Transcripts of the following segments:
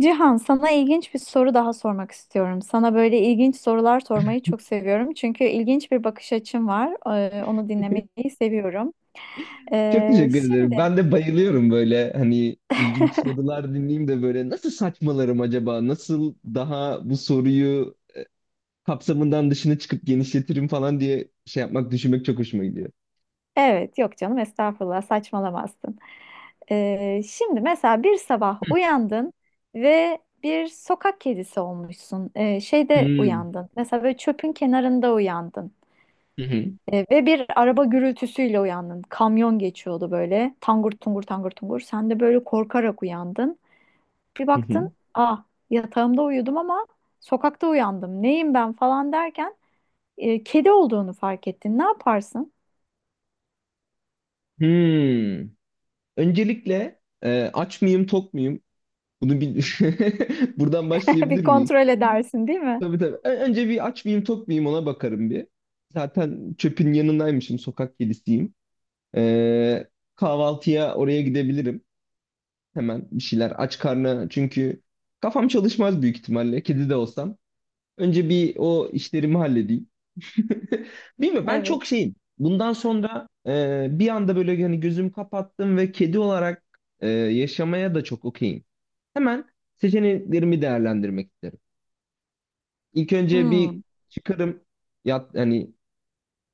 Cihan, sana ilginç bir soru daha sormak istiyorum. Sana böyle ilginç sorular sormayı çok seviyorum. Çünkü ilginç bir bakış açın var. Onu dinlemeyi seviyorum. Çok Ee, teşekkür şimdi, ederim. Ben de bayılıyorum böyle hani ilginç sorular dinleyeyim de böyle nasıl saçmalarım acaba? Nasıl daha bu soruyu kapsamından dışına çıkıp genişletirim falan diye şey yapmak, düşünmek çok hoşuma gidiyor. evet, yok canım, estağfurullah, saçmalamazsın. Şimdi mesela bir sabah uyandın ve bir sokak kedisi olmuşsun. Şeyde Hmm. uyandın. Mesela böyle çöpün kenarında uyandın. Hı hı. Ve bir araba gürültüsüyle uyandın. Kamyon geçiyordu böyle. Tangur tungur tangur tungur. Sen de böyle korkarak uyandın. Bir Hı baktın, hı. ah yatağımda uyudum ama sokakta uyandım. Neyim ben falan derken kedi olduğunu fark ettin. Ne yaparsın? Hmm. Öncelikle aç mıyım, tok muyum? Bunu bir buradan Bir başlayabilir miyiz? kontrol edersin, değil mi? Tabii tabii. Önce bir aç mıyım, tok muyum ona bakarım bir. Zaten çöpün yanındaymışım, sokak kedisiyim. E, Kahvaltıya oraya gidebilirim. Hemen bir şeyler aç karnına çünkü kafam çalışmaz büyük ihtimalle kedi de olsam. Önce bir o işlerimi halledeyim. Bilmiyorum ben Evet. çok şeyim. Bundan sonra bir anda böyle hani gözüm kapattım ve kedi olarak yaşamaya da çok okeyim. Hemen seçeneklerimi değerlendirmek isterim. İlk önce bir Hmm. çıkarım yat hani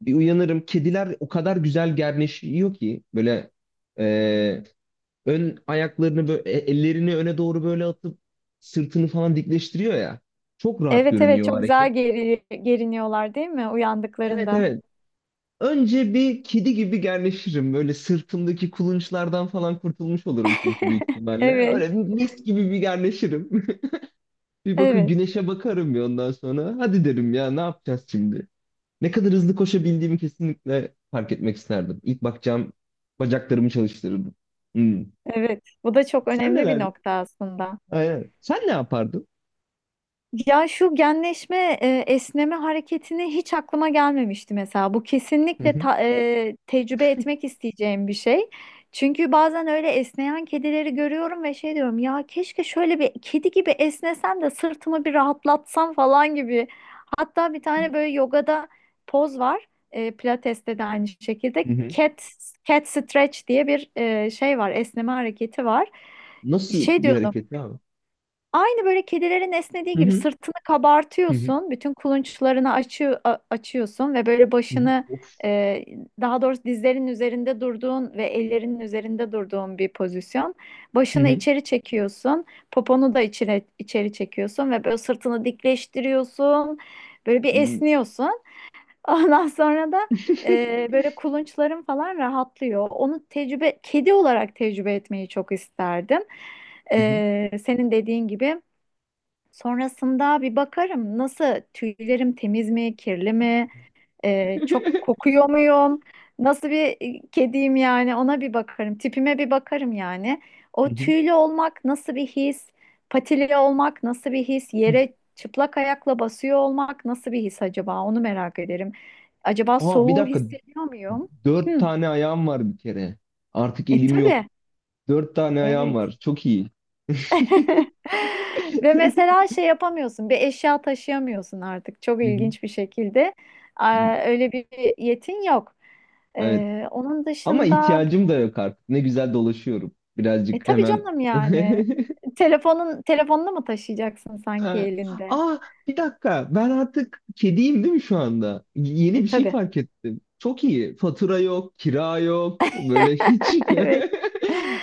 bir uyanırım. Kediler o kadar güzel gerneşiyor ki böyle e, ön ayaklarını böyle ellerini öne doğru böyle atıp sırtını falan dikleştiriyor ya. Çok rahat Evet, evet, görünüyor o çok hareket. güzel geriniyorlar değil mi Evet uyandıklarında? evet. Önce bir kedi gibi gerleşirim. Böyle sırtımdaki kulunçlardan falan kurtulmuş olurum çünkü büyük ihtimalle. Evet, Öyle bir mis gibi bir gerleşirim. Bir bakın evet, güneşe bakarım ya ondan sonra. Hadi derim ya ne yapacağız şimdi? Ne kadar hızlı koşabildiğimi kesinlikle fark etmek isterdim. İlk bakacağım bacaklarımı çalıştırırdım. Hmm. evet. Bu da çok Sen önemli bir neler? nokta aslında. Aynen. Sen ne yapardın? Ya şu esneme hareketini hiç aklıma gelmemişti mesela. Bu Hı kesinlikle hı. Tecrübe etmek isteyeceğim bir şey. Çünkü bazen öyle esneyen kedileri görüyorum ve şey diyorum ya keşke şöyle bir kedi gibi esnesem de sırtımı bir rahatlatsam falan gibi. Hatta bir tane böyle yogada poz var. Pilates'te de aynı şekilde Hı hı. cat stretch diye bir şey var, esneme hareketi var. Nasıl Şey bir diyordum. hareket abi? Aynı böyle kedilerin esnediği Hı gibi hı. sırtını Hı hı. kabartıyorsun, bütün kulunçlarını açıyorsun ve böyle Hı hı. başını Of. e, daha doğrusu dizlerin üzerinde durduğun ve ellerinin üzerinde durduğun bir pozisyon. Hı Başını hı. içeri çekiyorsun, poponu da içeri, içeri çekiyorsun ve böyle sırtını dikleştiriyorsun, böyle bir Hı hı. esniyorsun. Ondan sonra da böyle kulunçların falan rahatlıyor. Onu kedi olarak tecrübe etmeyi çok isterdim. Senin dediğin gibi. Sonrasında bir bakarım nasıl tüylerim temiz mi, kirli mi, çok kokuyor muyum, nasıl bir kediyim yani ona bir bakarım, tipime bir bakarım yani. Hı O hı. tüylü olmak nasıl bir his, patili olmak nasıl bir his, yere çıplak ayakla basıyor olmak nasıl bir his acaba onu merak ederim. Acaba Aa bir soğuğu dakika. hissediyor muyum? Dört Hı, tane ayağım var bir kere. Artık elim yok. tabii, Dört tane ayağım evet. var. Çok iyi. Ve mesela şey yapamıyorsun, bir eşya taşıyamıyorsun artık çok Hı hı. ilginç bir şekilde. Aa, öyle bir yetin yok. Evet. Onun Ama dışında ihtiyacım da yok artık. Ne güzel dolaşıyorum. Birazcık tabii hemen. canım yani telefonunu mu taşıyacaksın sanki Ee, elinde? Aa bir dakika ben artık kediyim değil mi şu anda? Yeni E bir şey tabii. fark ettim. Çok iyi. Fatura yok, kira yok. Böyle hiç. Evet.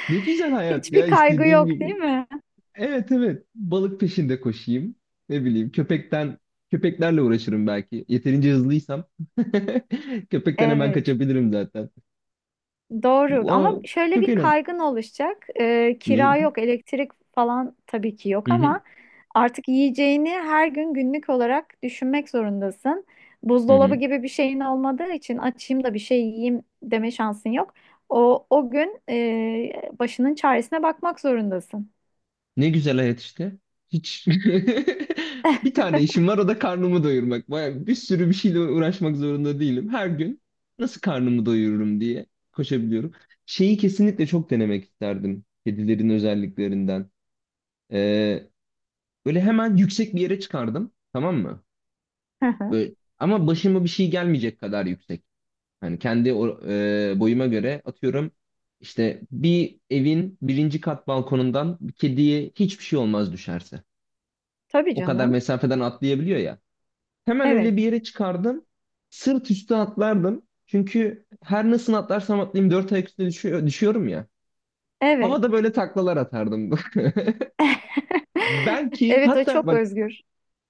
Ne güzel hayat ya Hiçbir kaygı istediğim yok gibi. değil mi? Evet evet. Balık peşinde koşayım. Ne bileyim köpekten köpeklerle uğraşırım belki. Yeterince hızlıysam. Köpekten hemen Evet. kaçabilirim zaten. Doğru ama Aa, şöyle çok bir eğlenceli. kaygın oluşacak. Kira yok, elektrik falan tabii ki yok Hı hı, ama artık yiyeceğini her gün günlük olarak düşünmek zorundasın. hı Buzdolabı hı. gibi bir şeyin olmadığı için açayım da bir şey yiyeyim deme şansın yok. O gün başının çaresine bakmak zorundasın. Ne güzel hayat işte. Hiç bir tane işim var o da karnımı doyurmak. Baya bir sürü bir şeyle uğraşmak zorunda değilim. Her gün nasıl karnımı doyururum diye koşabiliyorum. Şeyi kesinlikle çok denemek isterdim. Kedilerin özelliklerinden. Ee, Böyle hemen yüksek bir yere çıkardım. Tamam mı? Hı hı. Böyle, ama başıma bir şey gelmeyecek kadar yüksek. Hani kendi boyuma göre atıyorum. İşte bir evin birinci kat balkonundan bir kediye hiçbir şey olmaz düşerse. Tabii O kadar canım. mesafeden atlayabiliyor ya. Hemen Evet, öyle bir yere çıkardım. Sırt üstü atlardım. Çünkü her nasıl atlarsam atlayayım dört ayak üstüne düşüyor, düşüyorum ya. evet. Havada böyle taklalar atardım. Belki Evet, o hatta çok bak özgür.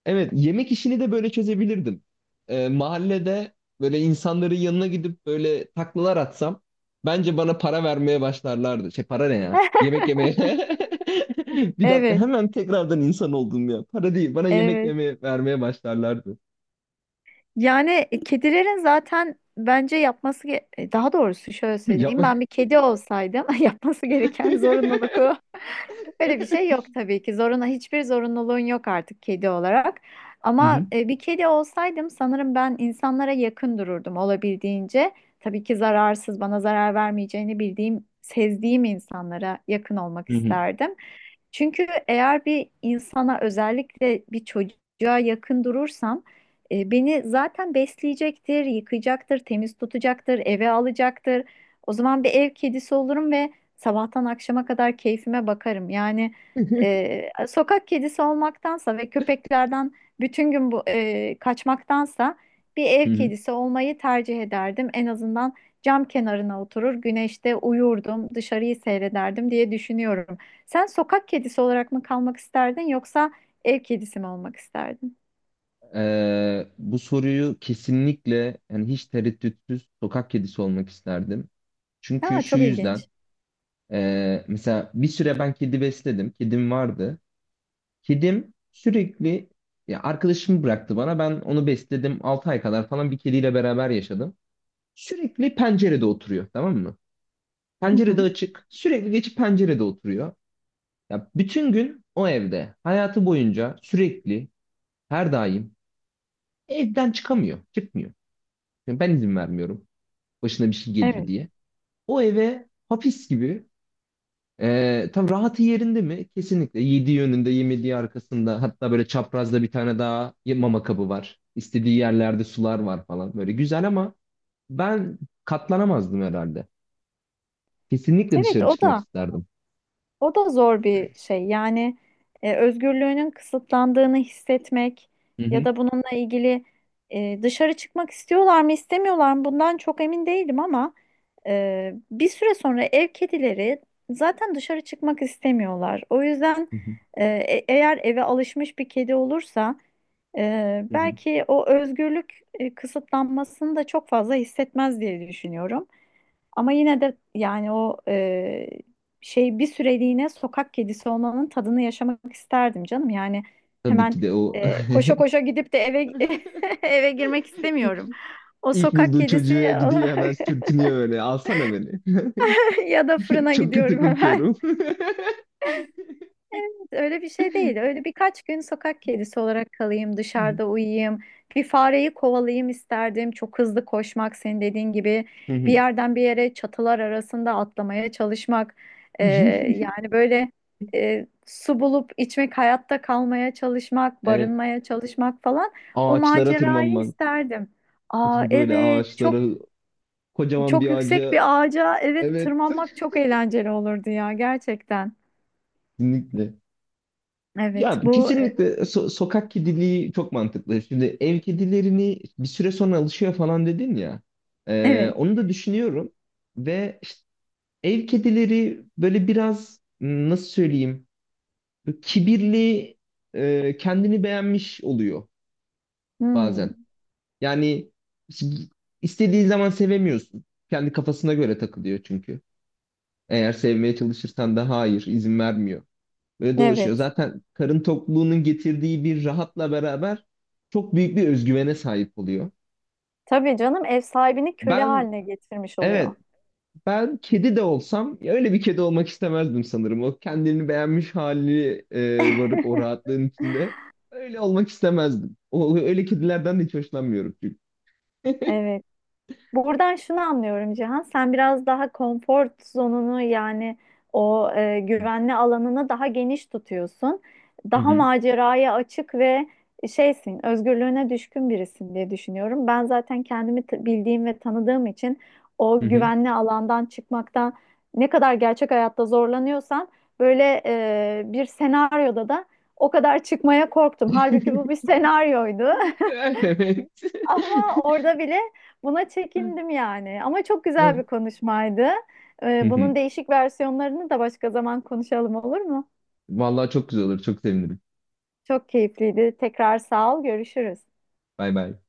evet yemek işini de böyle çözebilirdim. Mahallede böyle insanların yanına gidip böyle taklalar atsam bence bana para vermeye başlarlardı. Şey para ne ya? Yemek yemeye. Bir dakika Evet, hemen tekrardan insan oldum ya. Para değil bana yemek evet. yemeye vermeye başlarlardı. Yani kedilerin zaten bence yapması daha doğrusu şöyle söyleyeyim Yapma. ben bir kedi olsaydım yapması gereken zorunluluk o. Öyle bir şey yok tabii ki. Zoruna hiçbir zorunluluğun yok artık kedi olarak. Hı Ama hı. Bir kedi olsaydım sanırım ben insanlara yakın dururdum olabildiğince. Tabii ki zararsız, bana zarar vermeyeceğini bildiğim, sezdiğim insanlara yakın olmak Hı hı. isterdim. Çünkü eğer bir insana özellikle bir çocuğa yakın durursam beni zaten besleyecektir, yıkayacaktır, temiz tutacaktır, eve alacaktır. O zaman bir ev kedisi olurum ve sabahtan akşama kadar keyfime bakarım. Yani sokak kedisi olmaktansa ve köpeklerden bütün gün bu kaçmaktansa bir ev Hı hı. kedisi olmayı tercih ederdim. En azından cam kenarına oturur, güneşte uyurdum, dışarıyı seyrederdim diye düşünüyorum. Sen sokak kedisi olarak mı kalmak isterdin yoksa ev kedisi mi olmak isterdin? Bu soruyu kesinlikle yani hiç tereddütsüz sokak kedisi olmak isterdim. Çünkü Aa, şu çok yüzden ilginç. Mesela bir süre ben kedi besledim. Kedim vardı. Kedim sürekli ya arkadaşım bıraktı bana. Ben onu besledim. 6 ay kadar falan bir kediyle beraber yaşadım. Sürekli pencerede oturuyor tamam mı? Hı Pencerede hı. açık. Sürekli geçip pencerede oturuyor. Ya bütün gün o evde. Hayatı boyunca sürekli her daim evden çıkamıyor, çıkmıyor. Yani ben izin vermiyorum başına bir şey gelir Evet. diye. O eve hapis gibi, tam rahatı yerinde mi? Kesinlikle. Yediği yönünde, yemediği arkasında. Hatta böyle çaprazda bir tane daha mama kabı var. İstediği yerlerde sular var falan. Böyle güzel ama ben katlanamazdım herhalde. Kesinlikle Evet, dışarı o çıkmak da isterdim. o da zor bir şey. Yani özgürlüğünün kısıtlandığını hissetmek Hı ya hı. da bununla ilgili dışarı çıkmak istiyorlar mı istemiyorlar mı bundan çok emin değilim ama bir süre sonra ev kedileri zaten dışarı çıkmak istemiyorlar. O yüzden Hı hı. Eğer eve alışmış bir kedi olursa, Hı hı. belki o özgürlük kısıtlanmasını da çok fazla hissetmez diye düşünüyorum. Ama yine de yani o şey bir süreliğine sokak kedisi olmanın tadını yaşamak isterdim canım. Yani Tabii hemen ki de o. Koşa koşa gidip de eve eve girmek istemiyorum. O İlk sokak bulduğu kedisi çocuğa gidiyor hemen sürtünüyor böyle. Alsana beni. ya da fırına Çok kötü gidiyorum hemen. kokuyorum. Öyle bir şey değil. Öyle birkaç gün sokak kedisi olarak kalayım, dışarıda uyuyayım. Bir fareyi kovalayayım isterdim. Çok hızlı koşmak, senin dediğin gibi Hı bir hı. yerden bir yere çatılar arasında atlamaya çalışmak. Ee, yani böyle su bulup içmek, hayatta kalmaya çalışmak, Evet, barınmaya çalışmak falan. O ağaçlara macerayı tırmanman. isterdim. Fıtı Aa fıtı böyle evet, çok ağaçlara, kocaman çok bir yüksek ağaca. bir ağaca evet Evet, tırmanmak çok eğlenceli olurdu ya gerçekten. kesinlikle. Evet, Ya bu kesinlikle sokak kediliği çok mantıklı. Şimdi ev kedilerini bir süre sonra alışıyor falan dedin ya. Evet. Onu da düşünüyorum. Ve işte ev kedileri böyle biraz nasıl söyleyeyim böyle kibirli, kendini beğenmiş oluyor Hmm. bazen. Yani istediğin zaman sevemiyorsun. Kendi kafasına göre takılıyor çünkü. Eğer sevmeye çalışırsan da hayır, izin vermiyor. Böyle dolaşıyor. Evet. Zaten karın tokluğunun getirdiği bir rahatla beraber çok büyük bir özgüvene sahip oluyor. Tabii canım ev sahibini köle Ben haline getirmiş oluyor. evet, ben kedi de olsam ya öyle bir kedi olmak istemezdim sanırım. O kendini beğenmiş hali varıp o rahatlığın içinde öyle olmak istemezdim. O, öyle kedilerden de hiç hoşlanmıyorum çünkü. Evet. Buradan şunu anlıyorum Cihan, sen biraz daha konfor zonunu yani o güvenli alanını daha geniş tutuyorsun. Hı Daha hı. maceraya açık ve şeysin, özgürlüğüne düşkün birisin diye düşünüyorum. Ben zaten kendimi bildiğim ve tanıdığım için Hı o hı. güvenli alandan çıkmaktan ne kadar gerçek hayatta zorlanıyorsan böyle bir senaryoda da o kadar çıkmaya korktum. Halbuki bu bir senaryoydu. Evet. Ama orada bile buna çekindim yani. Ama çok güzel bir konuşmaydı. Hı Ee, hı. bunun değişik versiyonlarını da başka zaman konuşalım olur mu? Vallahi çok güzel olur. Çok sevinirim. Çok keyifliydi. Tekrar sağ ol, görüşürüz. Bay bay.